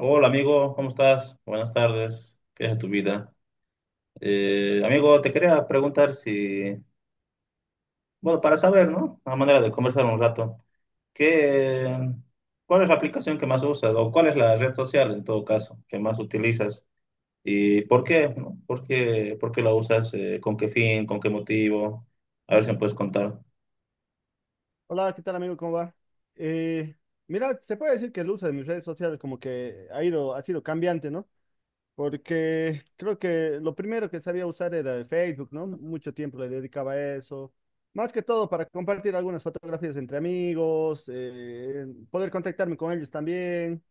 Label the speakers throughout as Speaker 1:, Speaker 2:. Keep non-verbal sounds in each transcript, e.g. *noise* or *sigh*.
Speaker 1: Hola amigo, ¿cómo estás? Buenas tardes, ¿qué es de tu vida? Amigo, te quería preguntar si, bueno, para saber, ¿no? A manera de conversar un rato, ¿qué, ¿cuál es la aplicación que más usas o cuál es la red social en todo caso que más utilizas y por qué, no? ¿Por qué la usas? ¿Con qué fin? ¿Con qué motivo? A ver si me puedes contar.
Speaker 2: Hola, ¿qué tal amigo? ¿Cómo va? Eh, Mira, se puede decir que el uso de mis redes sociales como que ha sido cambiante, ¿no? Porque creo que lo primero que sabía usar era el Facebook, ¿no? Mucho tiempo le dedicaba a eso. Más que todo para compartir algunas fotografías entre amigos, poder contactarme con ellos también.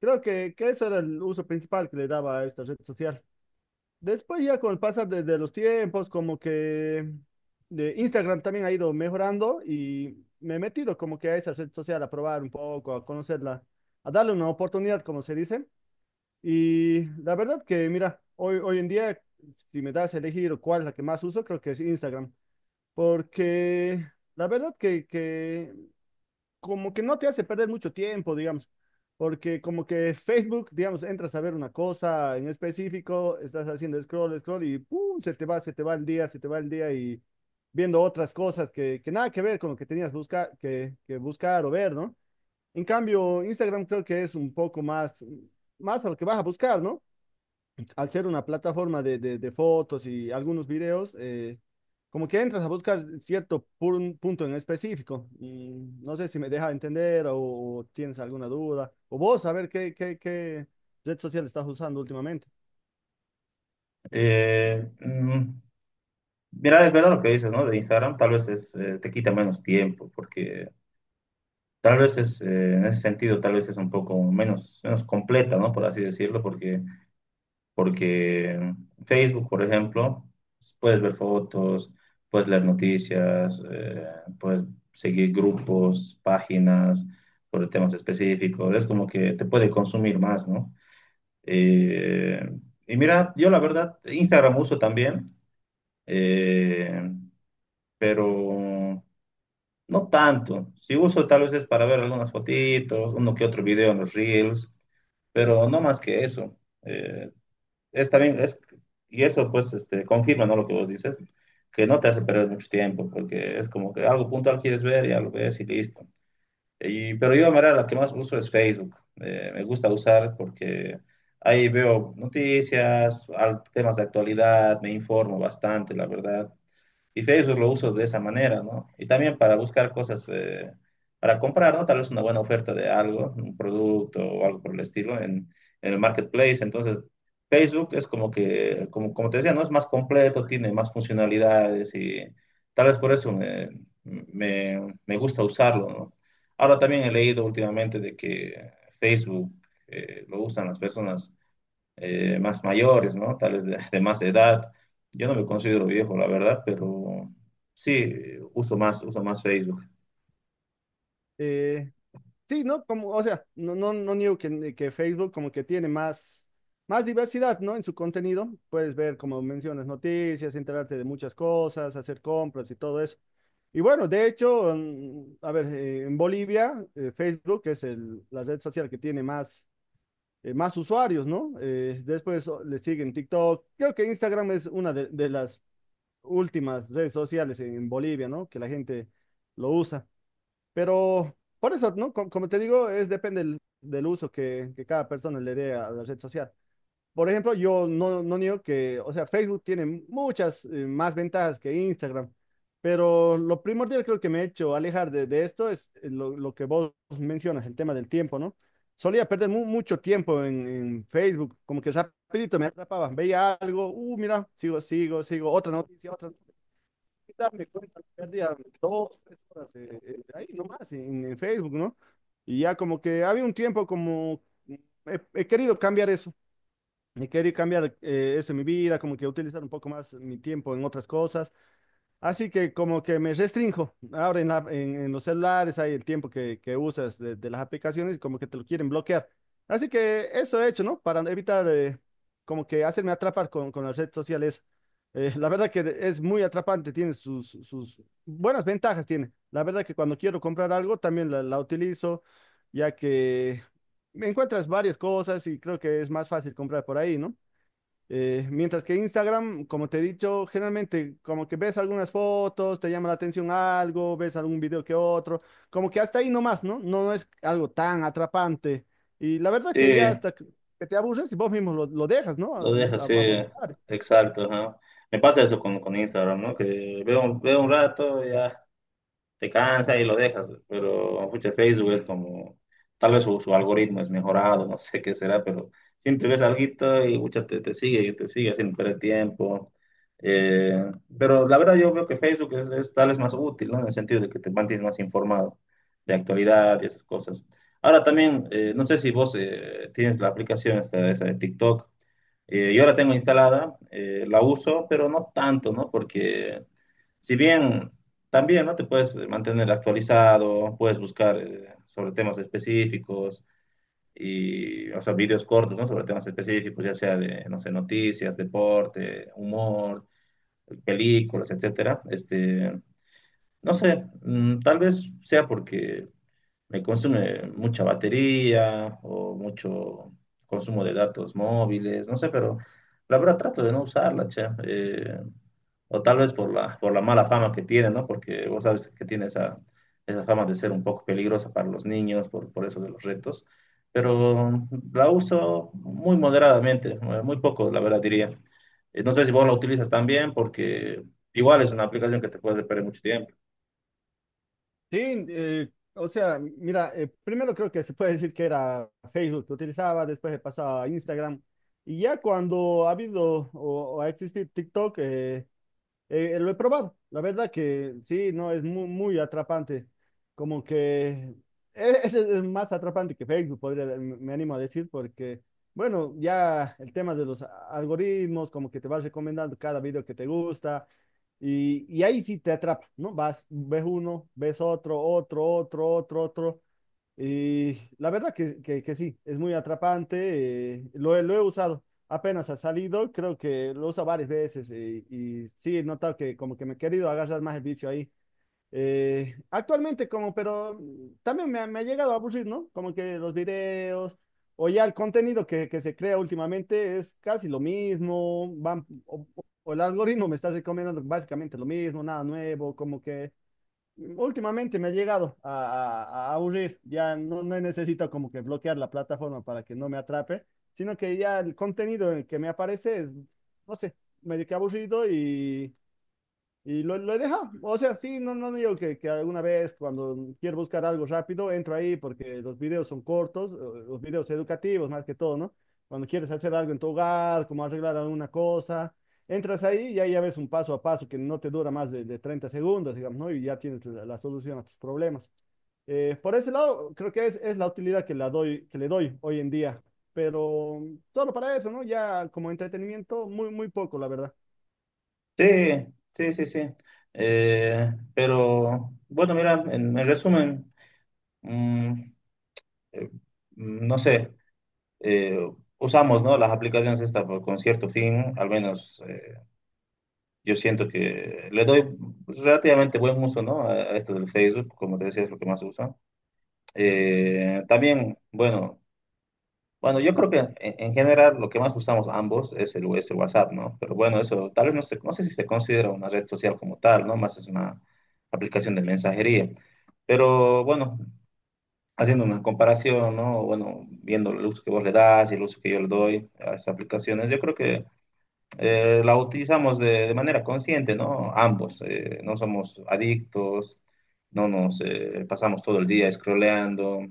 Speaker 2: Creo que eso era el uso principal que le daba a esta red social. Después ya con el pasar de los tiempos, como que de Instagram también ha ido mejorando y me he metido como que a esa red social a probar un poco, a conocerla, a darle una oportunidad, como se dice. Y la verdad que, mira, hoy en día, si me das a elegir cuál es la que más uso, creo que es Instagram, porque la verdad que como que no te hace perder mucho tiempo, digamos, porque como que Facebook, digamos, entras a ver una cosa en específico, estás haciendo scroll, scroll y ¡pum! Se te va el día, se te va el día y viendo otras cosas que nada que ver con lo que tenías busca, que buscar o ver, ¿no? En cambio, Instagram creo que es un poco más a lo que vas a buscar, ¿no? Al ser una plataforma de fotos y algunos videos, como que entras a buscar cierto punto en específico. Y no sé si me deja entender o tienes alguna duda, o vos, a ver qué red social estás usando últimamente.
Speaker 1: Eh, mm, Mira, es verdad lo que dices, ¿no? De Instagram tal vez es, te quita menos tiempo porque tal vez es, en ese sentido, tal vez es un poco menos completa, ¿no? Por así decirlo, porque Facebook, por ejemplo, pues, puedes ver fotos, puedes leer noticias, puedes seguir grupos, páginas sobre temas específicos. Es como que te puede consumir más, ¿no? Eh, y mira, yo la verdad, Instagram uso también, eh, pero no tanto. Si uso tal vez es para ver algunas fotitos, uno que otro video en los Reels, pero no más que eso. Eh, es y eso pues este, confirma, ¿no? Lo que vos dices, que no te hace perder mucho tiempo, porque es como que algo puntual quieres ver, ya lo ves y listo. Pero yo, mira, la que más uso es Facebook. Me gusta usar porque ahí veo noticias, temas de actualidad, me informo bastante, la verdad. Y Facebook lo uso de esa manera, ¿no? Y también para buscar cosas, para comprar, ¿no? Tal vez una buena oferta de algo, un producto o algo por el estilo en el marketplace. Entonces, Facebook es como que, como te decía, ¿no? Es más completo, tiene más funcionalidades y tal vez por eso me gusta usarlo, ¿no? Ahora también he leído últimamente de que Facebook lo usan las personas más mayores, ¿no? Tal vez de más edad. Yo no me considero viejo, la verdad, pero sí, uso más Facebook.
Speaker 2: Eh, Sí, ¿no? Como, o sea, no niego que Facebook como que tiene más, más diversidad, ¿no? En su contenido. Puedes ver, como mencionas, noticias, enterarte de muchas cosas, hacer compras y todo eso. Y bueno, de hecho, a ver, en Bolivia, Facebook es la red social que tiene más, más usuarios, ¿no? Después le siguen TikTok. Creo que Instagram es una de las últimas redes sociales en Bolivia, ¿no? Que la gente lo usa. Pero por eso, ¿no? Como, te digo, es depende del uso que cada persona le dé a la red social. Por ejemplo, yo no niego que, o sea, Facebook tiene muchas más ventajas que Instagram, pero lo primordial creo que me he hecho alejar de esto es lo que vos mencionas, el tema del tiempo, ¿no? Solía perder mucho tiempo en Facebook, como que rapidito me atrapaba, veía algo, mira, sigo, otra noticia, otra darme cuenta, perdía dos, tres horas ahí nomás en Facebook, ¿no? Y ya como que había un tiempo como mm, he querido cambiar eso, he querido cambiar eso en mi vida, como que utilizar un poco más mi tiempo en otras cosas. Así que como que me restrinjo ahora en los celulares, hay el tiempo que usas de las aplicaciones y como que te lo quieren bloquear. Así que eso he hecho, ¿no? Para evitar como que hacerme atrapar con las redes sociales. La verdad que es muy atrapante, tiene sus buenas ventajas, tiene. La verdad que cuando quiero comprar algo también la utilizo, ya que me encuentras varias cosas y creo que es más fácil comprar por ahí, ¿no? Mientras que Instagram, como te he dicho, generalmente como que ves algunas fotos, te llama la atención algo, ves algún video que otro, como que hasta ahí nomás, ¿no? No es algo tan atrapante. Y la verdad que ya
Speaker 1: Sí,
Speaker 2: hasta que te aburres y vos mismo lo dejas, ¿no?
Speaker 1: lo deja,
Speaker 2: A
Speaker 1: sí,
Speaker 2: voluntad.
Speaker 1: exacto, ajá. Me pasa eso con Instagram, ¿no? Que veo, veo un rato, ya te cansa y lo dejas, pero pucha, Facebook es como, tal vez su algoritmo es mejorado, *laughs* no sé qué será, pero siempre ves alguito y pucha, te sigue y te sigue haciendo perder tiempo. Eh, pero la verdad yo veo que Facebook es tal vez más útil, ¿no? En el sentido de que te mantienes más informado de actualidad y esas cosas. Ahora también, no sé si vos tienes la aplicación esta, esa de TikTok. Yo la tengo instalada, la uso, pero no tanto, ¿no? Porque si bien también no te puedes mantener actualizado, puedes buscar sobre temas específicos y, o sea, videos cortos, ¿no? Sobre temas específicos, ya sea de, no sé, noticias, deporte, humor, películas, etcétera. Este, no sé, mm, tal vez sea porque me consume mucha batería o mucho consumo de datos móviles, no sé, pero la verdad trato de no usarla, che. O tal vez por la mala fama que tiene, ¿no? Porque vos sabes que tiene esa fama de ser un poco peligrosa para los niños, por eso de los retos, pero la uso muy moderadamente, muy poco, la verdad diría. No sé si vos la utilizas también, porque igual es una aplicación que te puedes perder mucho tiempo.
Speaker 2: Sí, o sea, mira, primero creo que se puede decir que era Facebook que utilizaba, después he pasado a Instagram. Y ya cuando ha habido o ha existido TikTok, lo he probado, la verdad que sí, no, es muy, muy atrapante, como que ese es más atrapante que Facebook, podría, me animo a decir, porque, bueno, ya el tema de los algoritmos, como que te vas recomendando cada video que te gusta, y ahí sí te atrapa, ¿no? Vas, ves uno, ves otro, otro, otro, otro, otro. Y la verdad que sí, es muy atrapante, lo he usado, apenas ha salido, creo que lo uso varias veces y, sí, he notado que como que me he querido agarrar más el vicio ahí. Actualmente como, pero mm, también me ha llegado a aburrir, ¿no? Como que los videos o ya el contenido que se crea últimamente es casi lo mismo, van, o el algoritmo me está recomendando básicamente lo mismo, nada nuevo, como que últimamente me ha llegado a aburrir. Ya no necesito como que bloquear la plataforma para que no me atrape, sino que ya el contenido en el que me aparece es, no sé, medio que aburrido y lo he dejado. O sea, sí, no digo que alguna vez cuando quiero buscar algo rápido, entro ahí porque los videos son cortos, los videos educativos más que todo, ¿no? Cuando quieres hacer algo en tu hogar, como arreglar alguna cosa, entras ahí y ahí ya ves un paso a paso que no te dura más de 30 segundos, digamos, ¿no? Y ya tienes la solución a tus problemas. Por ese lado, creo que es la utilidad que le doy hoy en día, pero solo para eso, ¿no? Ya como entretenimiento, muy, muy poco, la verdad.
Speaker 1: Sí, sí, sí, sí. Pero bueno, mira, en resumen, mm, eh, no sé, eh, usamos, ¿no? Las aplicaciones estas con cierto fin, al menos yo siento que le doy relativamente buen uso, ¿no? A esto del Facebook, como te decía, es lo que más uso. También, bueno, yo creo que en general lo que más usamos ambos es el WhatsApp, ¿no? Pero bueno, eso tal vez no sé si se considera una red social como tal, ¿no? Más es una aplicación de mensajería. Pero bueno, haciendo una comparación, ¿no? Bueno, viendo el uso que vos le das y el uso que yo le doy a estas aplicaciones, yo creo que la utilizamos de manera consciente, ¿no? Ambos, no somos adictos, no nos pasamos todo el día scrolleando.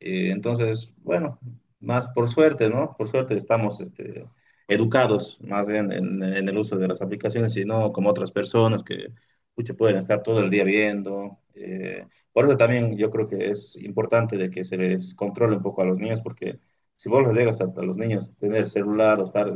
Speaker 1: Entonces, bueno, más por suerte, ¿no? Por suerte estamos este, educados más bien en el uso de las aplicaciones y no como otras personas que pucha, pueden estar todo el día viendo. Eh, por eso también yo creo que es importante de que se les controle un poco a los niños porque si vos les dejas a los niños tener celular o estar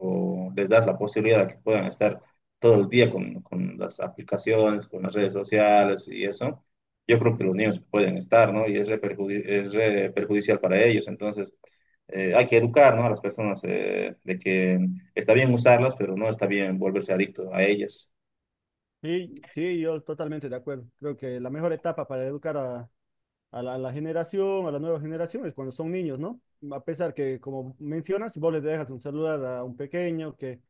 Speaker 1: o les das la posibilidad de que puedan estar todo el día con las aplicaciones, con las redes sociales y eso yo creo que los niños pueden estar, ¿no? Y es re perjudicial para ellos. Entonces, hay que educar, ¿no? A las personas de que está bien usarlas, pero no está bien volverse adicto a ellas.
Speaker 2: Sí, sí, yo totalmente de acuerdo. Creo que la mejor etapa para educar a la generación, a la nueva generación, es cuando son niños, ¿no? A pesar que, como mencionas, si vos le dejas un celular a un pequeño, que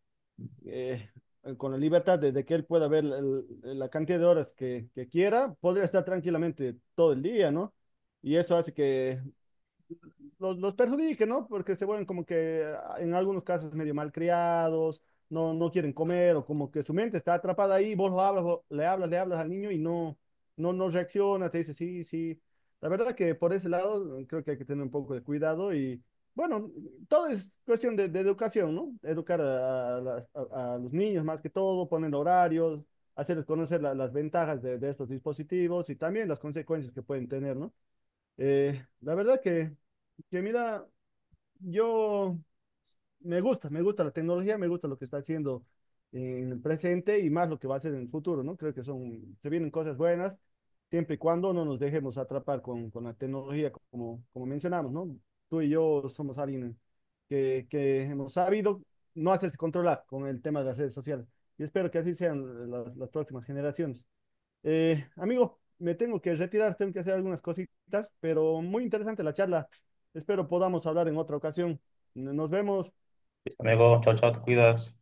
Speaker 2: eh, con la libertad de que él pueda ver la cantidad de horas que quiera, podría estar tranquilamente todo el día, ¿no? Y eso hace que los perjudique, ¿no? Porque se vuelven como que ah, en algunos casos medio malcriados, no quieren comer o como que su mente está atrapada ahí, vos lo hablas, le hablas al niño y no reacciona, te dice sí, sí. La verdad que por ese lado creo que hay que tener un poco de cuidado y bueno, todo es cuestión de educación, ¿no? Educar a los niños más que todo, poner horarios, hacerles conocer las ventajas de estos dispositivos y también las consecuencias que pueden tener, ¿no? La verdad que mira, yo me gusta la tecnología, me gusta lo que está haciendo en el presente y más lo que va a hacer en el futuro, ¿no? Creo que son, se vienen cosas buenas, siempre y cuando no nos dejemos atrapar con la tecnología, como, como mencionamos, ¿no? Tú y yo somos alguien que hemos sabido no hacerse controlar con el tema de las redes sociales. Y espero que así sean las próximas generaciones. Amigo, me tengo que retirar, tengo que hacer algunas cositas, pero muy interesante la charla. Espero podamos hablar en otra ocasión. Nos vemos.
Speaker 1: Amigo, chao, chao, te cuidas.